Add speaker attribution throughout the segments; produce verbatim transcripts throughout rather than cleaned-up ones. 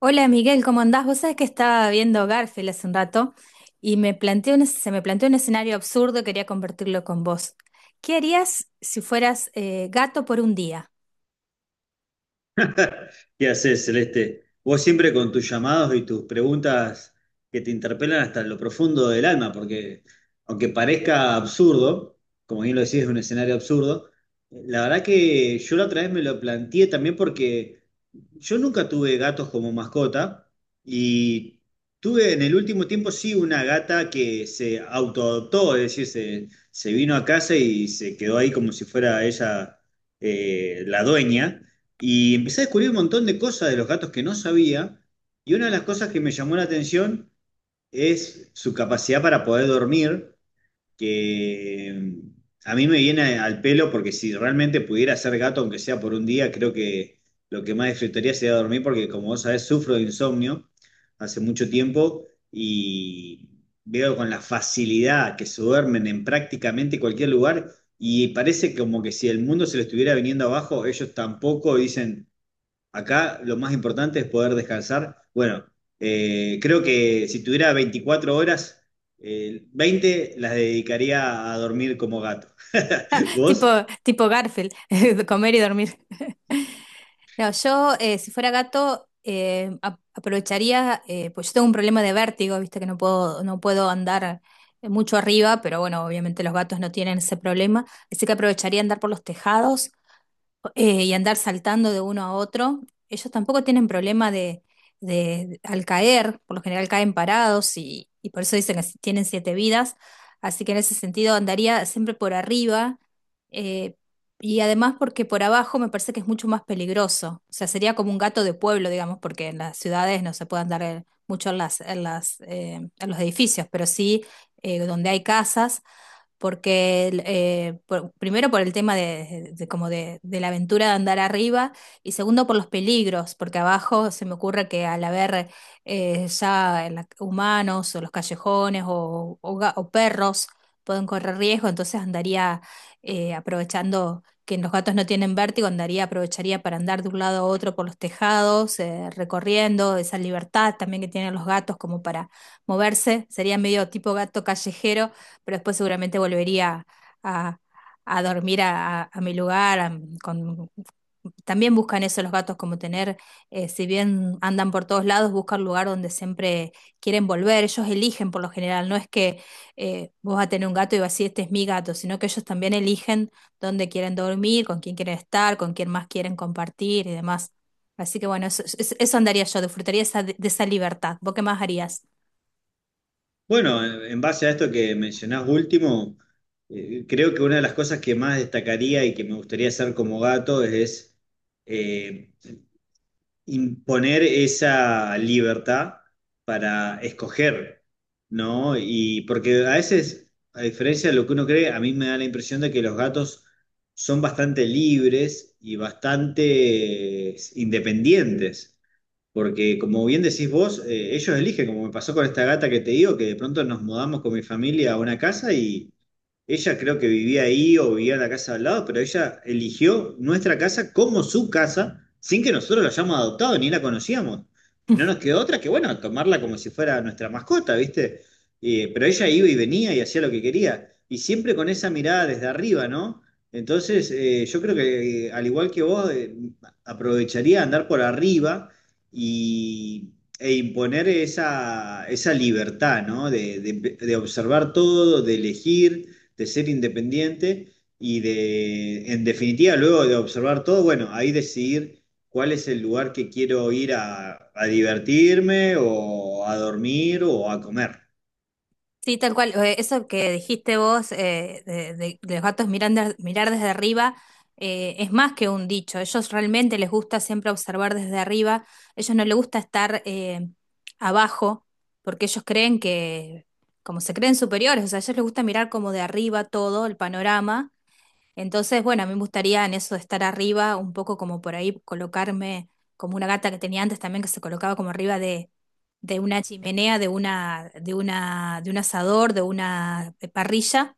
Speaker 1: Hola Miguel, ¿cómo andás? Vos sabés que estaba viendo Garfield hace un rato y me planteé un- se me planteó un escenario absurdo, y quería convertirlo con vos. ¿Qué harías si fueras eh, gato por un día?
Speaker 2: ¿Qué haces, Celeste? Vos siempre con tus llamados y tus preguntas que te interpelan hasta lo profundo del alma, porque aunque parezca absurdo, como bien lo decís, es un escenario absurdo, la verdad que yo la otra vez me lo planteé también porque yo nunca tuve gatos como mascota y tuve en el último tiempo sí una gata que se autoadoptó, es decir, se, se vino a casa y se quedó ahí como si fuera ella, eh, la dueña. Y empecé a descubrir un montón de cosas de los gatos que no sabía y una de las cosas que me llamó la atención es su capacidad para poder dormir que mm, a mí me viene al pelo porque si realmente pudiera ser gato, aunque sea por un día, creo que lo que más disfrutaría sería dormir porque como vos sabés, sufro de insomnio hace mucho tiempo y veo con la facilidad que se duermen en prácticamente cualquier lugar y parece como que si el mundo se lo estuviera viniendo abajo, ellos tampoco dicen... Acá lo más importante es poder descansar. Bueno, eh, creo que si tuviera veinticuatro horas, eh, veinte las dedicaría a dormir como gato.
Speaker 1: Tipo,
Speaker 2: ¿Vos?
Speaker 1: tipo Garfield, de comer y dormir. No, yo eh, si fuera gato eh, ap- aprovecharía, eh, pues yo tengo un problema de vértigo, viste que no puedo, no puedo andar eh, mucho arriba, pero bueno, obviamente los gatos no tienen ese problema, así que aprovecharía andar por los tejados eh, y andar saltando de uno a otro. Ellos tampoco tienen problema de, de- al caer, por lo general caen parados y, y por eso dicen que si tienen siete vidas. Así que en ese sentido andaría siempre por arriba eh, y además porque por abajo me parece que es mucho más peligroso. O sea, sería como un gato de pueblo, digamos, porque en las ciudades no se puede andar eh, mucho en las, en las, eh, en los edificios, pero sí eh, donde hay casas porque eh, por- primero por el tema de, de- como de, de la aventura de andar arriba y segundo por los peligros, porque abajo se me ocurre que al haber eh, ya en la- humanos o los callejones o, o ga- o perros pueden correr riesgo, entonces andaría eh, aprovechando que los gatos no tienen vértigo, andaría, aprovecharía para andar de un lado a otro por los tejados, eh, recorriendo esa libertad también que tienen los gatos como para moverse, sería medio tipo gato callejero, pero después seguramente volvería a, a dormir a, a mi lugar. A- con- también buscan eso los gatos, como tener, eh, si bien andan por todos lados, buscan lugar donde siempre quieren volver. Ellos eligen por lo general, no es que eh, vos vas a tener un gato y vas a decir, este es mi gato, sino que ellos también eligen dónde quieren dormir, con quién quieren estar, con quién más quieren compartir y demás. Así que bueno, eso, eso- eso andaría yo, disfrutaría esa- de esa libertad. ¿Vos qué más harías?
Speaker 2: Bueno, en en base a esto que mencionás último, eh, creo que una de las cosas que más destacaría y que me gustaría hacer como gato es, eh, imponer esa libertad para escoger, ¿no? Y porque a veces, a diferencia de lo que uno cree, a mí me da la impresión de que los gatos son bastante libres y bastante eh, independientes, porque como bien decís vos, eh, ellos eligen, como me pasó con esta gata que te digo, que de pronto nos mudamos con mi familia a una casa y... Ella creo que vivía ahí o vivía en la casa de al lado, pero ella eligió nuestra casa como su casa sin que nosotros la hayamos adoptado ni la conocíamos. Y no nos quedó otra que, bueno, tomarla como si fuera nuestra mascota, ¿viste? Eh, pero ella iba y venía y hacía lo que quería. Y siempre con esa mirada desde arriba, ¿no? Entonces, eh, yo creo que eh, al igual que vos, eh, aprovecharía andar por arriba y, e imponer esa, esa libertad, ¿no? De, de- de observar todo, de elegir de ser independiente y de, en definitiva, luego de observar todo, bueno, ahí decidir cuál es el lugar que quiero ir a, a divertirme o a dormir o a comer.
Speaker 1: Sí, tal cual. Eh, Eso que dijiste vos eh, de, de- de los gatos mirar, mirar desde arriba eh, es más que un dicho. Ellos realmente les gusta siempre observar desde arriba. Ellos no les gusta estar eh, abajo porque ellos creen que, como se creen superiores, o sea, a ellos les gusta mirar como de arriba todo el panorama, entonces, bueno, a mí me gustaría en eso de estar arriba, un poco como por ahí colocarme, como una gata que tenía antes también, que se colocaba como arriba de, de una chimenea, de una, de una, de un asador, de una eh, parrilla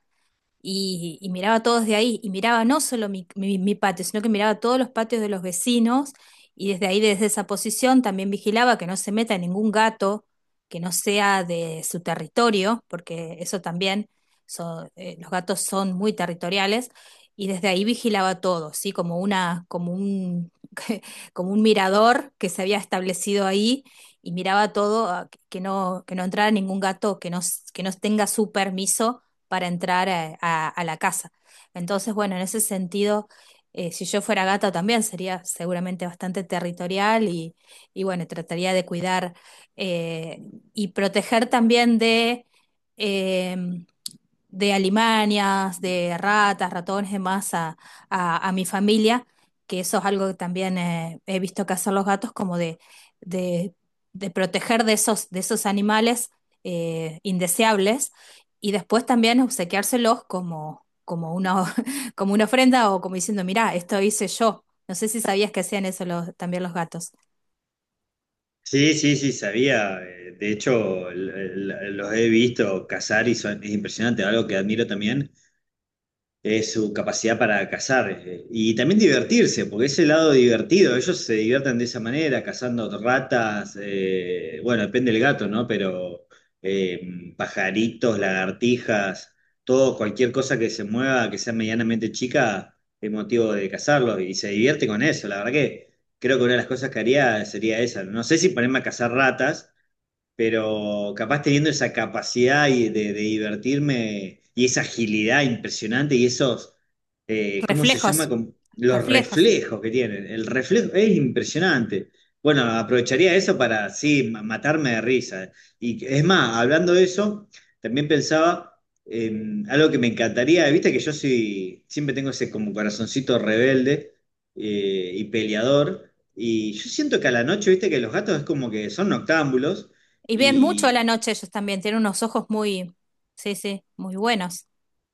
Speaker 1: y, y miraba todos de ahí, y miraba no solo mi, mi- mi patio, sino que miraba todos los patios de los vecinos, y desde ahí, desde esa posición, también vigilaba que no se meta ningún gato que no sea de su territorio, porque eso también, son- eh, los gatos son muy territoriales, y desde ahí vigilaba todo, ¿sí? Como una, como un, como un mirador que se había establecido ahí. Y miraba todo, ah, que no, que no entrara ningún gato que no, s- que no tenga su permiso para entrar a, a- a la casa. Entonces, bueno, en ese sentido, eh, si yo fuera gato también sería seguramente bastante territorial y, y bueno, trataría de cuidar eh, y proteger también de... em, de alimañas, de ratas, ratones, demás a, a, a mi familia, que eso es algo que también eh, he visto que hacen los gatos, como de, de, de proteger de esos, de esos animales eh, indeseables y después también obsequiárselos como, como una, como una ofrenda o como diciendo, mirá, esto hice yo. No sé si sabías que hacían eso los- también los gatos.
Speaker 2: Sí, sí, sí, sabía. eh, De hecho, l- l- los he visto cazar y son, es impresionante, algo que admiro también es su capacidad para cazar eh, y también divertirse, porque es el lado divertido, ellos se divierten de esa manera, cazando ratas, eh, bueno, depende del gato, ¿no? Pero eh, pajaritos, lagartijas, todo, cualquier cosa que se mueva, que sea medianamente chica, es motivo de cazarlo y se divierte con eso, la verdad que creo que una de las cosas que haría sería esa, no sé si ponerme a cazar ratas, pero capaz teniendo esa capacidad y de, de divertirme y esa agilidad impresionante y esos, eh, ¿cómo se llama?
Speaker 1: Reflejos,
Speaker 2: Com- los
Speaker 1: reflejos.
Speaker 2: reflejos que tienen. El reflejo es impresionante. Bueno, aprovecharía eso para, sí, ma- matarme de risa. Y es más, hablando de eso, también pensaba en algo que me encantaría, viste que yo soy, siempre tengo ese como corazoncito rebelde eh, y peleador. Y yo siento que a la noche, viste que los gatos es como que son noctámbulos,
Speaker 1: Y ven mucho a
Speaker 2: y,
Speaker 1: la noche ellos también, tienen unos ojos muy, sí, sí, muy buenos.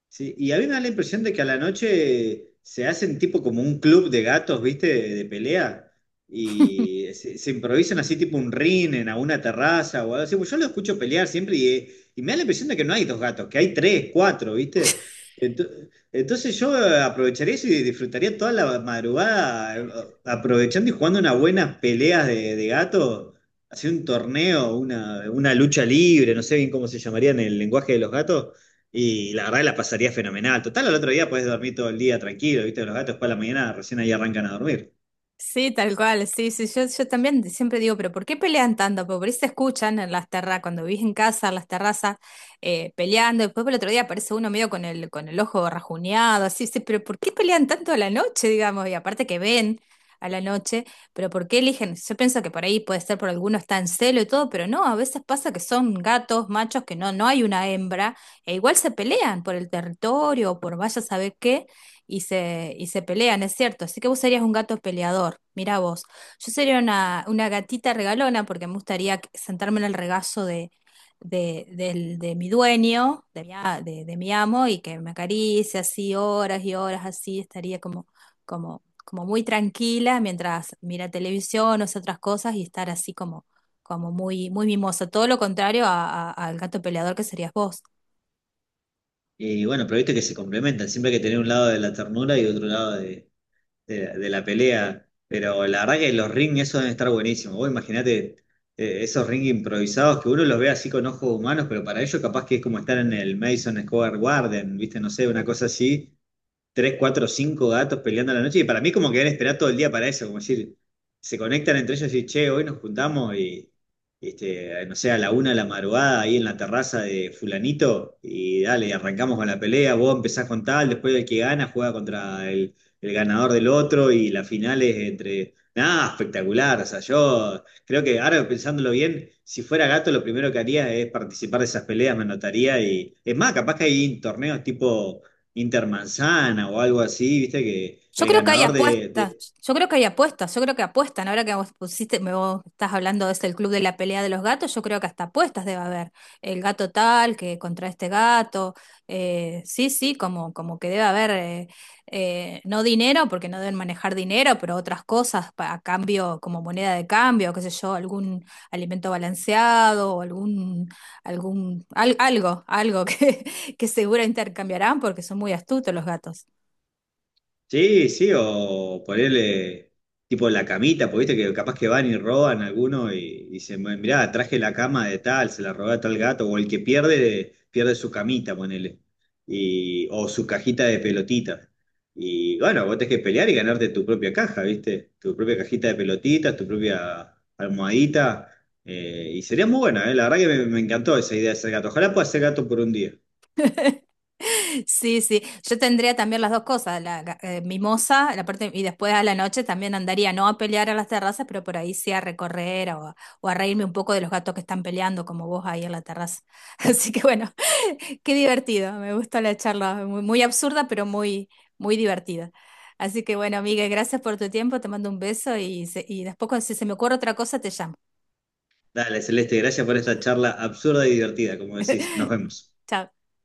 Speaker 2: sí, y a mí me da la impresión de que a la noche se hacen tipo como un club de gatos, ¿viste? De, de pelea. Y se, se improvisan así tipo un ring en alguna terraza o algo así. Pues yo lo escucho pelear siempre y, y me da la impresión de que no hay dos gatos, que hay tres, cuatro, ¿viste? Ento- Entonces yo aprovecharía eso y disfrutaría toda la madrugada eh, aprovechando y jugando unas buenas peleas de, de gatos, hacer un torneo, una, una lucha libre, no sé bien cómo se llamaría en el lenguaje de los gatos. Y la verdad que la pasaría fenomenal. Total, al otro día podés dormir todo el día tranquilo, ¿viste? Los gatos después de la mañana recién ahí arrancan a dormir.
Speaker 1: Sí, tal cual, sí, sí, yo, yo también siempre digo, pero ¿por qué pelean tanto? Porque por ahí se escuchan en las terrazas, cuando vivís en casa, en las terrazas, eh, peleando, después por el otro día aparece uno medio con el, con el ojo rajuñado, así, sí, pero ¿por qué pelean tanto a la noche, digamos? Y aparte que ven a la noche, pero ¿por qué eligen? Yo pienso que por ahí puede ser por alguno está en celo y todo, pero no, a veces pasa que son gatos, machos, que no, no hay una hembra, e igual se pelean por el territorio o por vaya a saber qué y se, y se pelean, es cierto. Así que vos serías un gato peleador, mirá vos. Yo sería una, una gatita regalona porque me gustaría que- sentarme en el regazo de, de, del- de mi dueño, de mi, a- de, de mi amo, y que me acaricie así horas y horas así, estaría como, como, como muy tranquila mientras mira televisión o hace otras cosas y estar así como, como muy, muy mimosa. Todo lo contrario a- a- al gato peleador que serías vos.
Speaker 2: Y bueno, pero viste que se complementan. Siempre hay que tener un lado de la ternura y otro lado de, de- de la pelea. Pero la verdad que los ring, eso deben estar buenísimos. Vos imaginate eh, esos ring improvisados que uno los ve así con ojos humanos, pero para ellos capaz que es como estar en el Madison Square Garden, ¿viste? No sé, una cosa así. Tres, cuatro, cinco gatos peleando a la noche. Y para mí como que deben esperar todo el día para eso, como decir, se conectan entre ellos y, che, hoy nos juntamos y, este, no sé, a la una de la madrugada ahí en la terraza de fulanito y dale, arrancamos con la pelea, vos empezás con tal, después el que gana juega contra el, el ganador del otro y la final es entre... Nada, espectacular. O sea, yo creo que ahora pensándolo bien, si fuera gato, lo primero que haría es participar de esas peleas, me anotaría y. Es más, capaz que hay torneos tipo Intermanzana o algo así, viste que
Speaker 1: Yo
Speaker 2: el
Speaker 1: creo que hay
Speaker 2: ganador de, de-
Speaker 1: apuestas, yo creo que hay apuestas, yo creo que apuestan. Ahora que vos pusiste, me vos estás hablando de ese el club de la pelea de los gatos, yo creo que hasta apuestas debe haber. El gato tal que contra este gato, eh, sí, sí, como, como que debe haber, eh, eh, no dinero, porque no deben manejar dinero, pero otras cosas pa- a cambio, como moneda de cambio, qué sé yo, algún alimento balanceado o algún, algún, al- algo, algo que, que seguro intercambiarán porque son muy astutos los gatos.
Speaker 2: Sí, sí, o ponerle tipo la camita, porque viste que capaz que van y roban alguno y, y dicen, "Bueno, mirá, traje la cama de tal, se la robé a tal gato, o el que pierde, pierde su camita, ponele, y, o su cajita de pelotitas. Y bueno, vos tenés que pelear y ganarte tu propia caja, viste, tu propia cajita de pelotitas, tu propia almohadita. Eh, y sería muy buena, eh, la verdad que me, me encantó esa idea de ser gato. Ojalá pueda ser gato por un día.
Speaker 1: Sí, sí, yo tendría también las dos cosas, la ga- eh, mimosa, la parte, y después a la noche también andaría, no a pelear a las terrazas, pero por ahí sí a recorrer o a, o a reírme un poco de los gatos que están peleando, como vos ahí en la terraza. Así que bueno, qué divertido, me gusta la charla, muy, muy absurda, pero muy, muy divertida. Así que bueno, Miguel, gracias por tu tiempo, te mando un beso y, se- y después cuando- si se me ocurre otra cosa te llamo.
Speaker 2: Dale, Celeste, gracias por esta charla absurda y divertida, como decís. Nos vemos.
Speaker 1: Chao.